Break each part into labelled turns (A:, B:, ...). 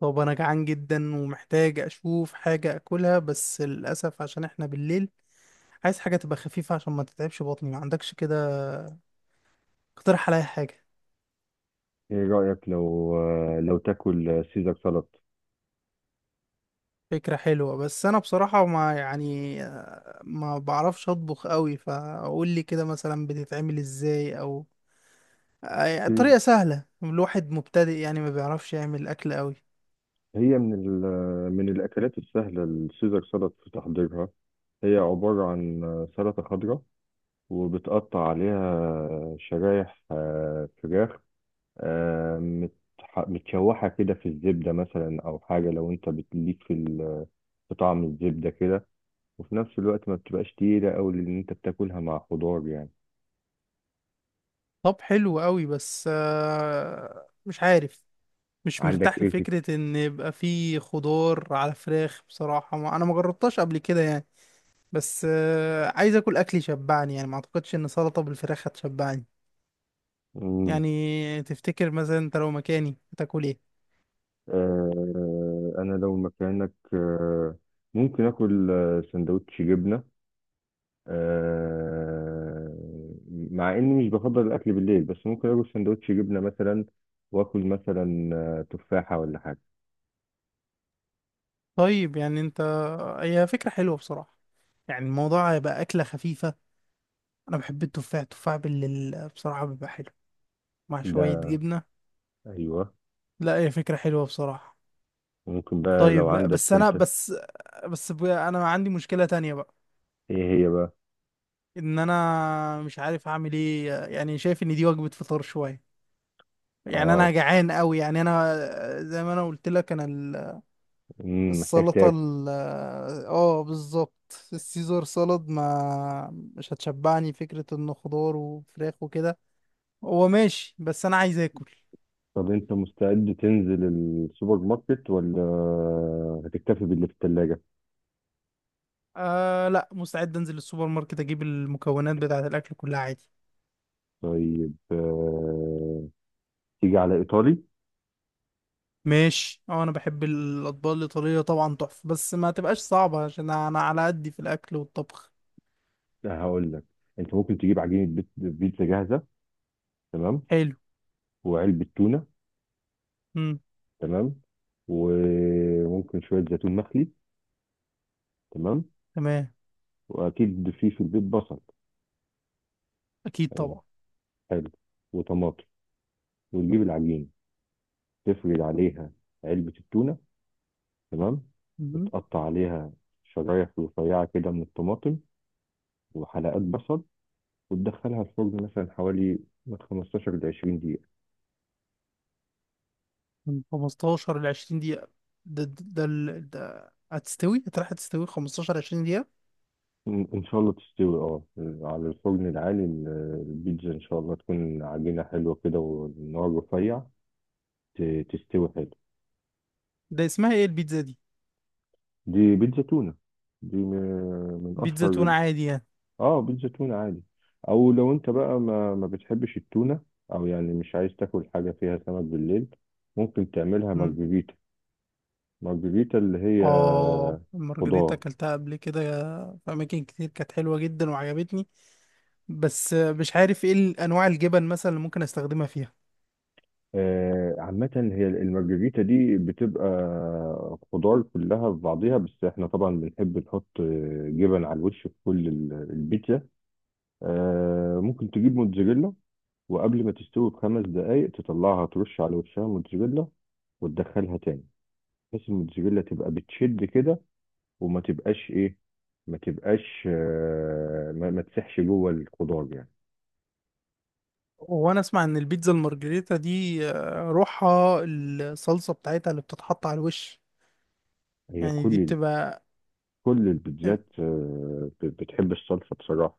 A: طب انا جعان جدا ومحتاج اشوف حاجة اكلها، بس للاسف عشان احنا بالليل عايز حاجة تبقى خفيفة عشان ما تتعبش بطني. ما عندكش كده اقترح عليا حاجة؟
B: ايه رأيك لو تاكل سيزر سلطة؟
A: فكرة حلوة، بس انا بصراحة ما يعني ما بعرفش اطبخ قوي. فقول لي كده مثلا بتتعمل ازاي، او يعني
B: مم.
A: طريقة سهلة. الواحد مبتدئ يعني ما بيعرفش يعمل اكل قوي.
B: هي من ال... من الأكلات السهلة السيزر سلطة في تحضيرها. هي عبارة عن سلطة خضراء، وبتقطع عليها شرايح فراخ متشوحة كده في الزبدة، مثلا أو حاجة، لو أنت بتليك في طعم الزبدة كده. وفي نفس الوقت ما بتبقاش تقيلة أوي، لأن أنت بتاكلها مع خضار يعني.
A: طب حلو قوي، بس مش عارف. مش
B: عندك
A: مرتاح
B: إيه في...
A: لفكرة ان يبقى فيه خضار على فراخ بصراحة، ما انا ما جربتهاش قبل كده يعني. بس عايز اكل اكل يشبعني، يعني ما اعتقدش ان سلطة بالفراخ هتشبعني.
B: مم.
A: يعني تفتكر مثلا انت لو مكاني هتاكل ايه؟
B: انا لو مكانك، ممكن اكل سندوتش جبنه. آه، مع اني مش بفضل الاكل بالليل، بس ممكن اكل سندوتش جبنه مثلا، واكل مثلا تفاحه ولا حاجه.
A: طيب يعني انت، هي فكرة حلوة بصراحة. يعني الموضوع هيبقى اكلة خفيفة. انا بحب التفاح، التفاح بصراحة بيبقى حلو مع شوية
B: ده
A: جبنة.
B: ايوه،
A: لا هي فكرة حلوة بصراحة.
B: ممكن بقى لو
A: طيب، بس
B: عندك
A: انا
B: انت.
A: بس بس ب- انا عندي مشكلة تانية بقى.
B: ايه هي بقى؟
A: ان انا مش عارف اعمل ايه، يعني شايف ان دي وجبة فطار شوية. يعني انا
B: اه.
A: جعان قوي، يعني انا زي ما انا قلت لك انا
B: محتاج
A: السلطة
B: تاكل.
A: اه بالظبط السيزر سالاد ما مش هتشبعني. فكرة انه خضار وفراخ وكده هو ماشي، بس انا عايز اكل.
B: طب انت مستعد تنزل السوبر ماركت، ولا هتكتفي باللي في الثلاجه؟
A: آه، لا مستعد انزل السوبر ماركت اجيب المكونات بتاعة الاكل كلها عادي.
B: طيب، تيجي على ايطالي.
A: ماشي، اه انا بحب الاطباق الايطالية طبعا تحفة، بس ما تبقاش صعبة عشان انا على قدي في الاكل والطبخ.
B: هقول لك، انت ممكن تجيب عجينه بيتزا جاهزه. تمام.
A: حلو.
B: وعلبه تونه.
A: امم.
B: تمام. وممكن شويه زيتون مخلي. تمام.
A: تمام.
B: واكيد في البيت بصل
A: اكيد
B: يعني.
A: طبعا.
B: حلو. وطماطم، وتجيب العجينه، تفرد عليها علبه التونه. تمام.
A: مم.
B: وتقطع عليها شرايح رفيعه كده من الطماطم، وحلقات بصل، وتدخلها الفرن مثلا حوالي من 15 ل 20 دقيقه.
A: من 15 ل 20 دقيقة. ده هتروح هتستوي 15 20 دقيقة.
B: إن شاء الله تستوي، أه. على الفرن العالي البيتزا إن شاء الله تكون عجينة حلوة كده، والنار رفيع. تستوي حلو.
A: ده اسمها ايه البيتزا دي؟
B: دي بيتزا تونة. دي من
A: بيتزا
B: أشهر...
A: تونة عادي يعني؟
B: أه، بيتزا تونة عادي. أو لو أنت بقى ما بتحبش التونة، أو يعني مش عايز تاكل حاجة فيها سمك بالليل، ممكن تعملها
A: مم.
B: مارجريتا. مارجريتا اللي هي
A: اه، المارجريتا
B: خضار.
A: اكلتها قبل كده في اماكن كتير، كانت حلوة جدا وعجبتني. بس مش عارف ايه انواع الجبن مثلا اللي ممكن استخدمها فيها.
B: عامة هي المارجريتا دي بتبقى خضار كلها في بعضيها، بس احنا طبعا بنحب نحط جبن على الوش في كل البيتزا. ممكن تجيب موتزاريلا، وقبل ما تستوي بخمس دقايق تطلعها، ترش على وشها موتزاريلا، وتدخلها تاني، بحيث الموتزاريلا تبقى بتشد كده، وما تبقاش ايه، ما تبقاش ما تسحش جوه الخضار يعني.
A: وانا اسمع ان البيتزا المارجريتا دي روحها الصلصة بتاعتها اللي بتتحط على الوش.
B: هي
A: يعني دي
B: كل
A: بتبقى،
B: كل البيتزات بتحب الصلصة بصراحة.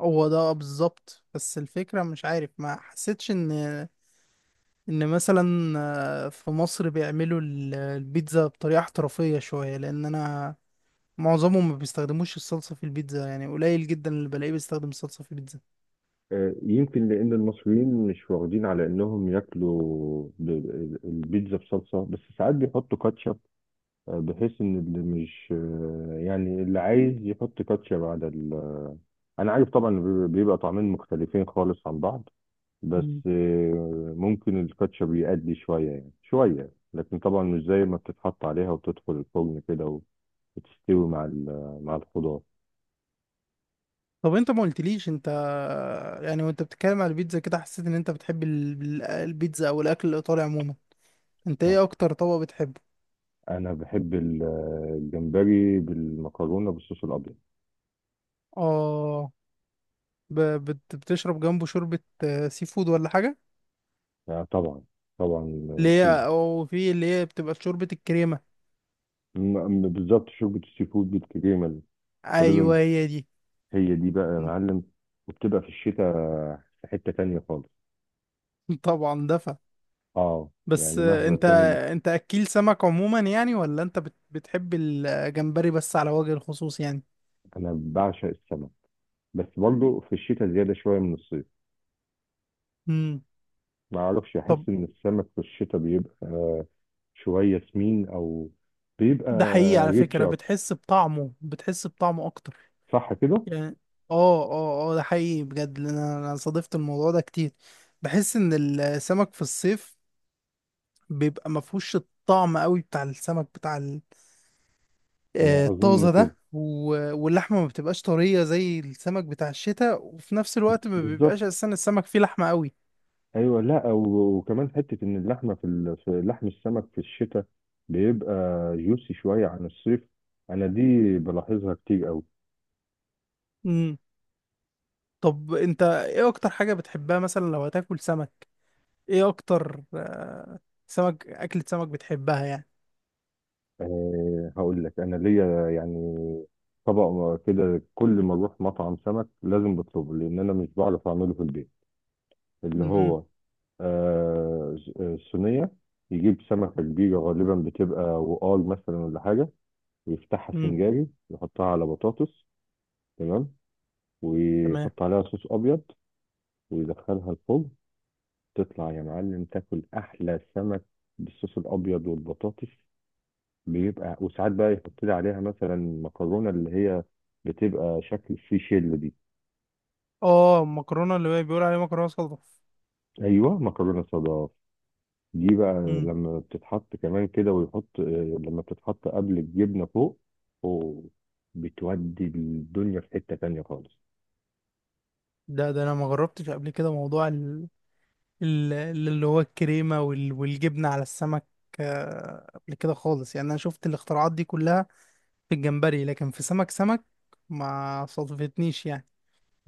A: هو ده بالظبط. بس الفكرة مش عارف، ما حسيتش ان مثلا في مصر بيعملوا البيتزا بطريقة احترافية شوية، لان انا معظمهم ما بيستخدموش الصلصة في البيتزا، يعني قليل جدا اللي بلاقيه بيستخدم الصلصة في البيتزا.
B: يمكن لأن المصريين مش واخدين على إنهم ياكلوا البيتزا بصلصة، بس ساعات بيحطوا كاتشب، بحيث إن اللي مش يعني اللي عايز يحط كاتشب على ال... أنا عارف طبعا، بيبقى طعمين مختلفين خالص عن بعض.
A: مم.
B: بس ممكن الكاتشب يأدي شوية، يعني شوية، لكن طبعا مش زي ما بتتحط عليها وتدخل الفرن كده، وتستوي مع مع الخضار.
A: طب انت ما قلتليش انت، يعني وانت بتتكلم على البيتزا كده حسيت ان انت بتحب البيتزا او الاكل الايطالي عموما. انت ايه اكتر طبق بتحبه؟
B: أنا بحب الجمبري بالمكرونة بالصوص الأبيض.
A: اه، ب- بتشرب جنبه شوربة سي فود ولا حاجة؟
B: لا طبعا. طبعا
A: اللي هي،
B: شوربة.
A: وفي اللي هي بتبقى شوربة الكريمة.
B: بالظبط شوربة السي فود بالكريمة غالبا.
A: ايوه هي دي.
B: هي دي بقى يا معلم، وبتبقى في الشتاء في حتة تانية خالص.
A: طبعا دفع.
B: اه،
A: بس
B: يعني مهما
A: انت
B: كانت.
A: انت اكيل سمك عموما يعني، ولا انت بتحب الجمبري بس على وجه الخصوص يعني؟
B: أنا بعشق السمك، بس برضه في الشتاء زيادة شوية من الصيف.
A: امم.
B: ما أعرفش،
A: طب،
B: أحس إن السمك في الشتاء بيبقى شوية سمين، أو بيبقى
A: ده حقيقي على
B: ريتش
A: فكرة،
B: أكتر،
A: بتحس بطعمه اكتر
B: صح كده؟
A: يعني. اه، اه، اه، ده حقيقي بجد، لأن انا صادفت الموضوع ده كتير. بحس ان السمك في الصيف بيبقى مفهوش الطعم قوي بتاع السمك بتاع
B: أنا أظن
A: طازة
B: كده،
A: ده، واللحمة ما بتبقاش طرية زي السمك بتاع الشتاء، وفي نفس الوقت ما بيبقاش
B: بالظبط.
A: أساسا السمك فيه لحمة قوي.
B: ايوه، لا وكمان حته ان اللحمه في لحم السمك في الشتاء بيبقى جوسي شويه عن الصيف. انا دي بلاحظها كتير قوي.
A: امم. طب أنت إيه أكتر حاجة بتحبها مثلا لو هتاكل سمك؟ إيه أكتر أكلة سمك بتحبها يعني؟
B: أه، هقول لك انا ليا يعني طبق كده، كل ما اروح مطعم سمك لازم بطلبه، لان انا مش بعرف اعمله في البيت. اللي
A: امم،
B: هو أه صينيه، يجيب سمكه كبيره غالبا بتبقى وقار مثلا ولا حاجه، ويفتحها
A: امم،
B: سنجاري، يحطها على بطاطس. تمام.
A: تمام.
B: ويحط عليها صوص ابيض، ويدخلها الفرن. تطلع يا معلم تاكل احلى سمك بالصوص الابيض والبطاطس. بيبقى، وساعات بقى يحط لي عليها مثلا مكرونه، اللي هي بتبقى شكل في شيل دي.
A: آه، المكرونة اللي هي بيقول عليها مكرونة صلصة.
B: ايوه، مكرونه صدف دي بقى.
A: امم.
B: لما بتتحط كمان كده، ويحط لما بتتحط قبل الجبنه فوق، أوه، بتودي الدنيا في حته تانيه خالص.
A: ده أنا ما جربتش قبل كده موضوع ال- اللي هو الكريمة والجبنة على السمك قبل كده خالص. يعني أنا شفت الاختراعات دي كلها في الجمبري لكن في سمك ما صادفتنيش يعني.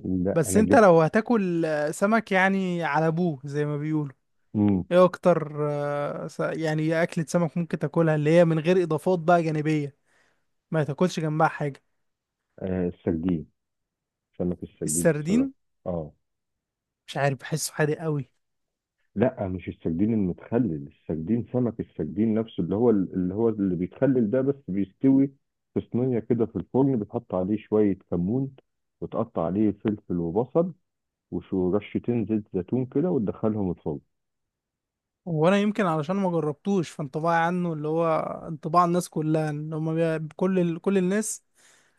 B: لا
A: بس
B: انا
A: انت
B: جا...
A: لو هتاكل سمك يعني على ابوه زي ما بيقولوا،
B: امم
A: ايه اكتر يعني ايه اكلة سمك ممكن تاكلها اللي هي من غير اضافات بقى جانبية، ما تاكلش جنبها حاجة؟
B: السردين، سمك السردين بصراحه.
A: السردين؟
B: اه.
A: مش عارف بحسه حادق قوي.
B: لا، مش السردين المتخلل. السردين، سمك السردين نفسه، اللي بيتخلل ده، بس بيستوي في صينية كده في الفرن، بتحط عليه شوية كمون، وتقطع عليه فلفل وبصل، وشو رشتين زيت زيتون كده، وتدخلهم الفرن.
A: وانا يمكن علشان ما جربتوش، فانطباعي عنه، اللي هو انطباع الناس كلها، ان هم كل الناس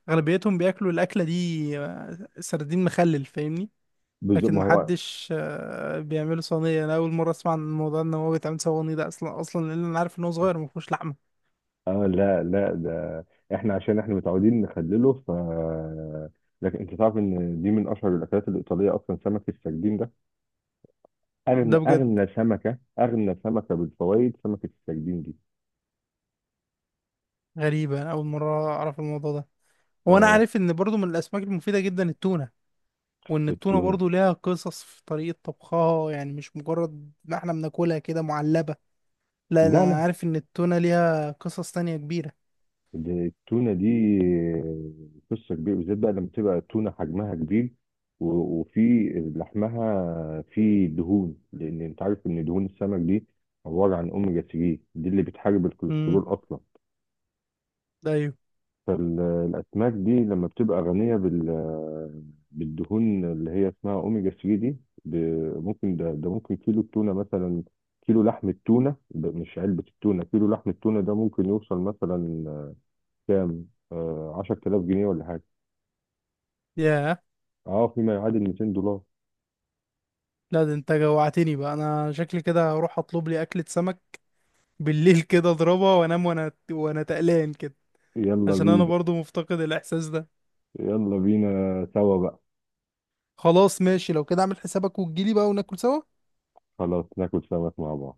A: اغلبيتهم بياكلوا الاكلة دي سردين مخلل، فاهمني؟ لكن
B: ما هو...
A: محدش بيعمله صينية. انا اول مرة اسمع عن الموضوع ان هو بيتعمل صواني ده اصلا اصلا، لان انا عارف ان هو صغير مفهوش لحمة.
B: لا لا، ده احنا عشان احنا متعودين نخلله، ف... لكن انت تعرف ان دي من اشهر الاكلات الايطاليه، اصلا سمك السردين ده
A: ده بجد؟
B: اغنى سمكه بالفوائد، سمكه السردين دي.
A: غريبة، انا اول مرة اعرف الموضوع ده. وانا
B: اه،
A: عارف ان برضو من الاسماك المفيدة جدا التونة، وان التونة
B: التونه.
A: برضو ليها قصص في طريقة طبخها يعني، مش مجرد ما احنا بناكلها كده معلبة. لا
B: لا
A: انا
B: لا،
A: عارف ان التونة ليها قصص تانية كبيرة.
B: دي التونة دي قصة كبيرة، بالذات بقى لما تبقى التونة حجمها كبير، وفي لحمها فيه دهون، لأن أنت عارف إن دهون السمك دي عبارة عن أوميجا 3، دي اللي بتحارب
A: امم.
B: الكوليسترول أصلا.
A: ايوه.
B: فالأسماك دي لما بتبقى غنية بالدهون اللي هي اسمها أوميجا 3 دي، ب- ممكن ده ده ممكن كيلو التونة مثلا، كيلو لحم التونة ده، مش علبة التونة، كيلو لحم التونة ده ممكن يوصل مثلا كام؟ 10000 جنيه ولا حاجة.
A: ياه.
B: اه، فيما يعادل 200 دولار.
A: لا، ده انت جوعتني بقى، انا شكلي كده هروح اطلب لي اكلة سمك بالليل كده اضربها وانام، وانا تقلان كده،
B: يلا
A: عشان انا
B: بينا.
A: برضو مفتقد الاحساس ده.
B: يلا بينا سوا بقى.
A: خلاص ماشي، لو كده اعمل حسابك وتجيلي بقى وناكل سوا.
B: خلاص ناكل سمك مع بعض.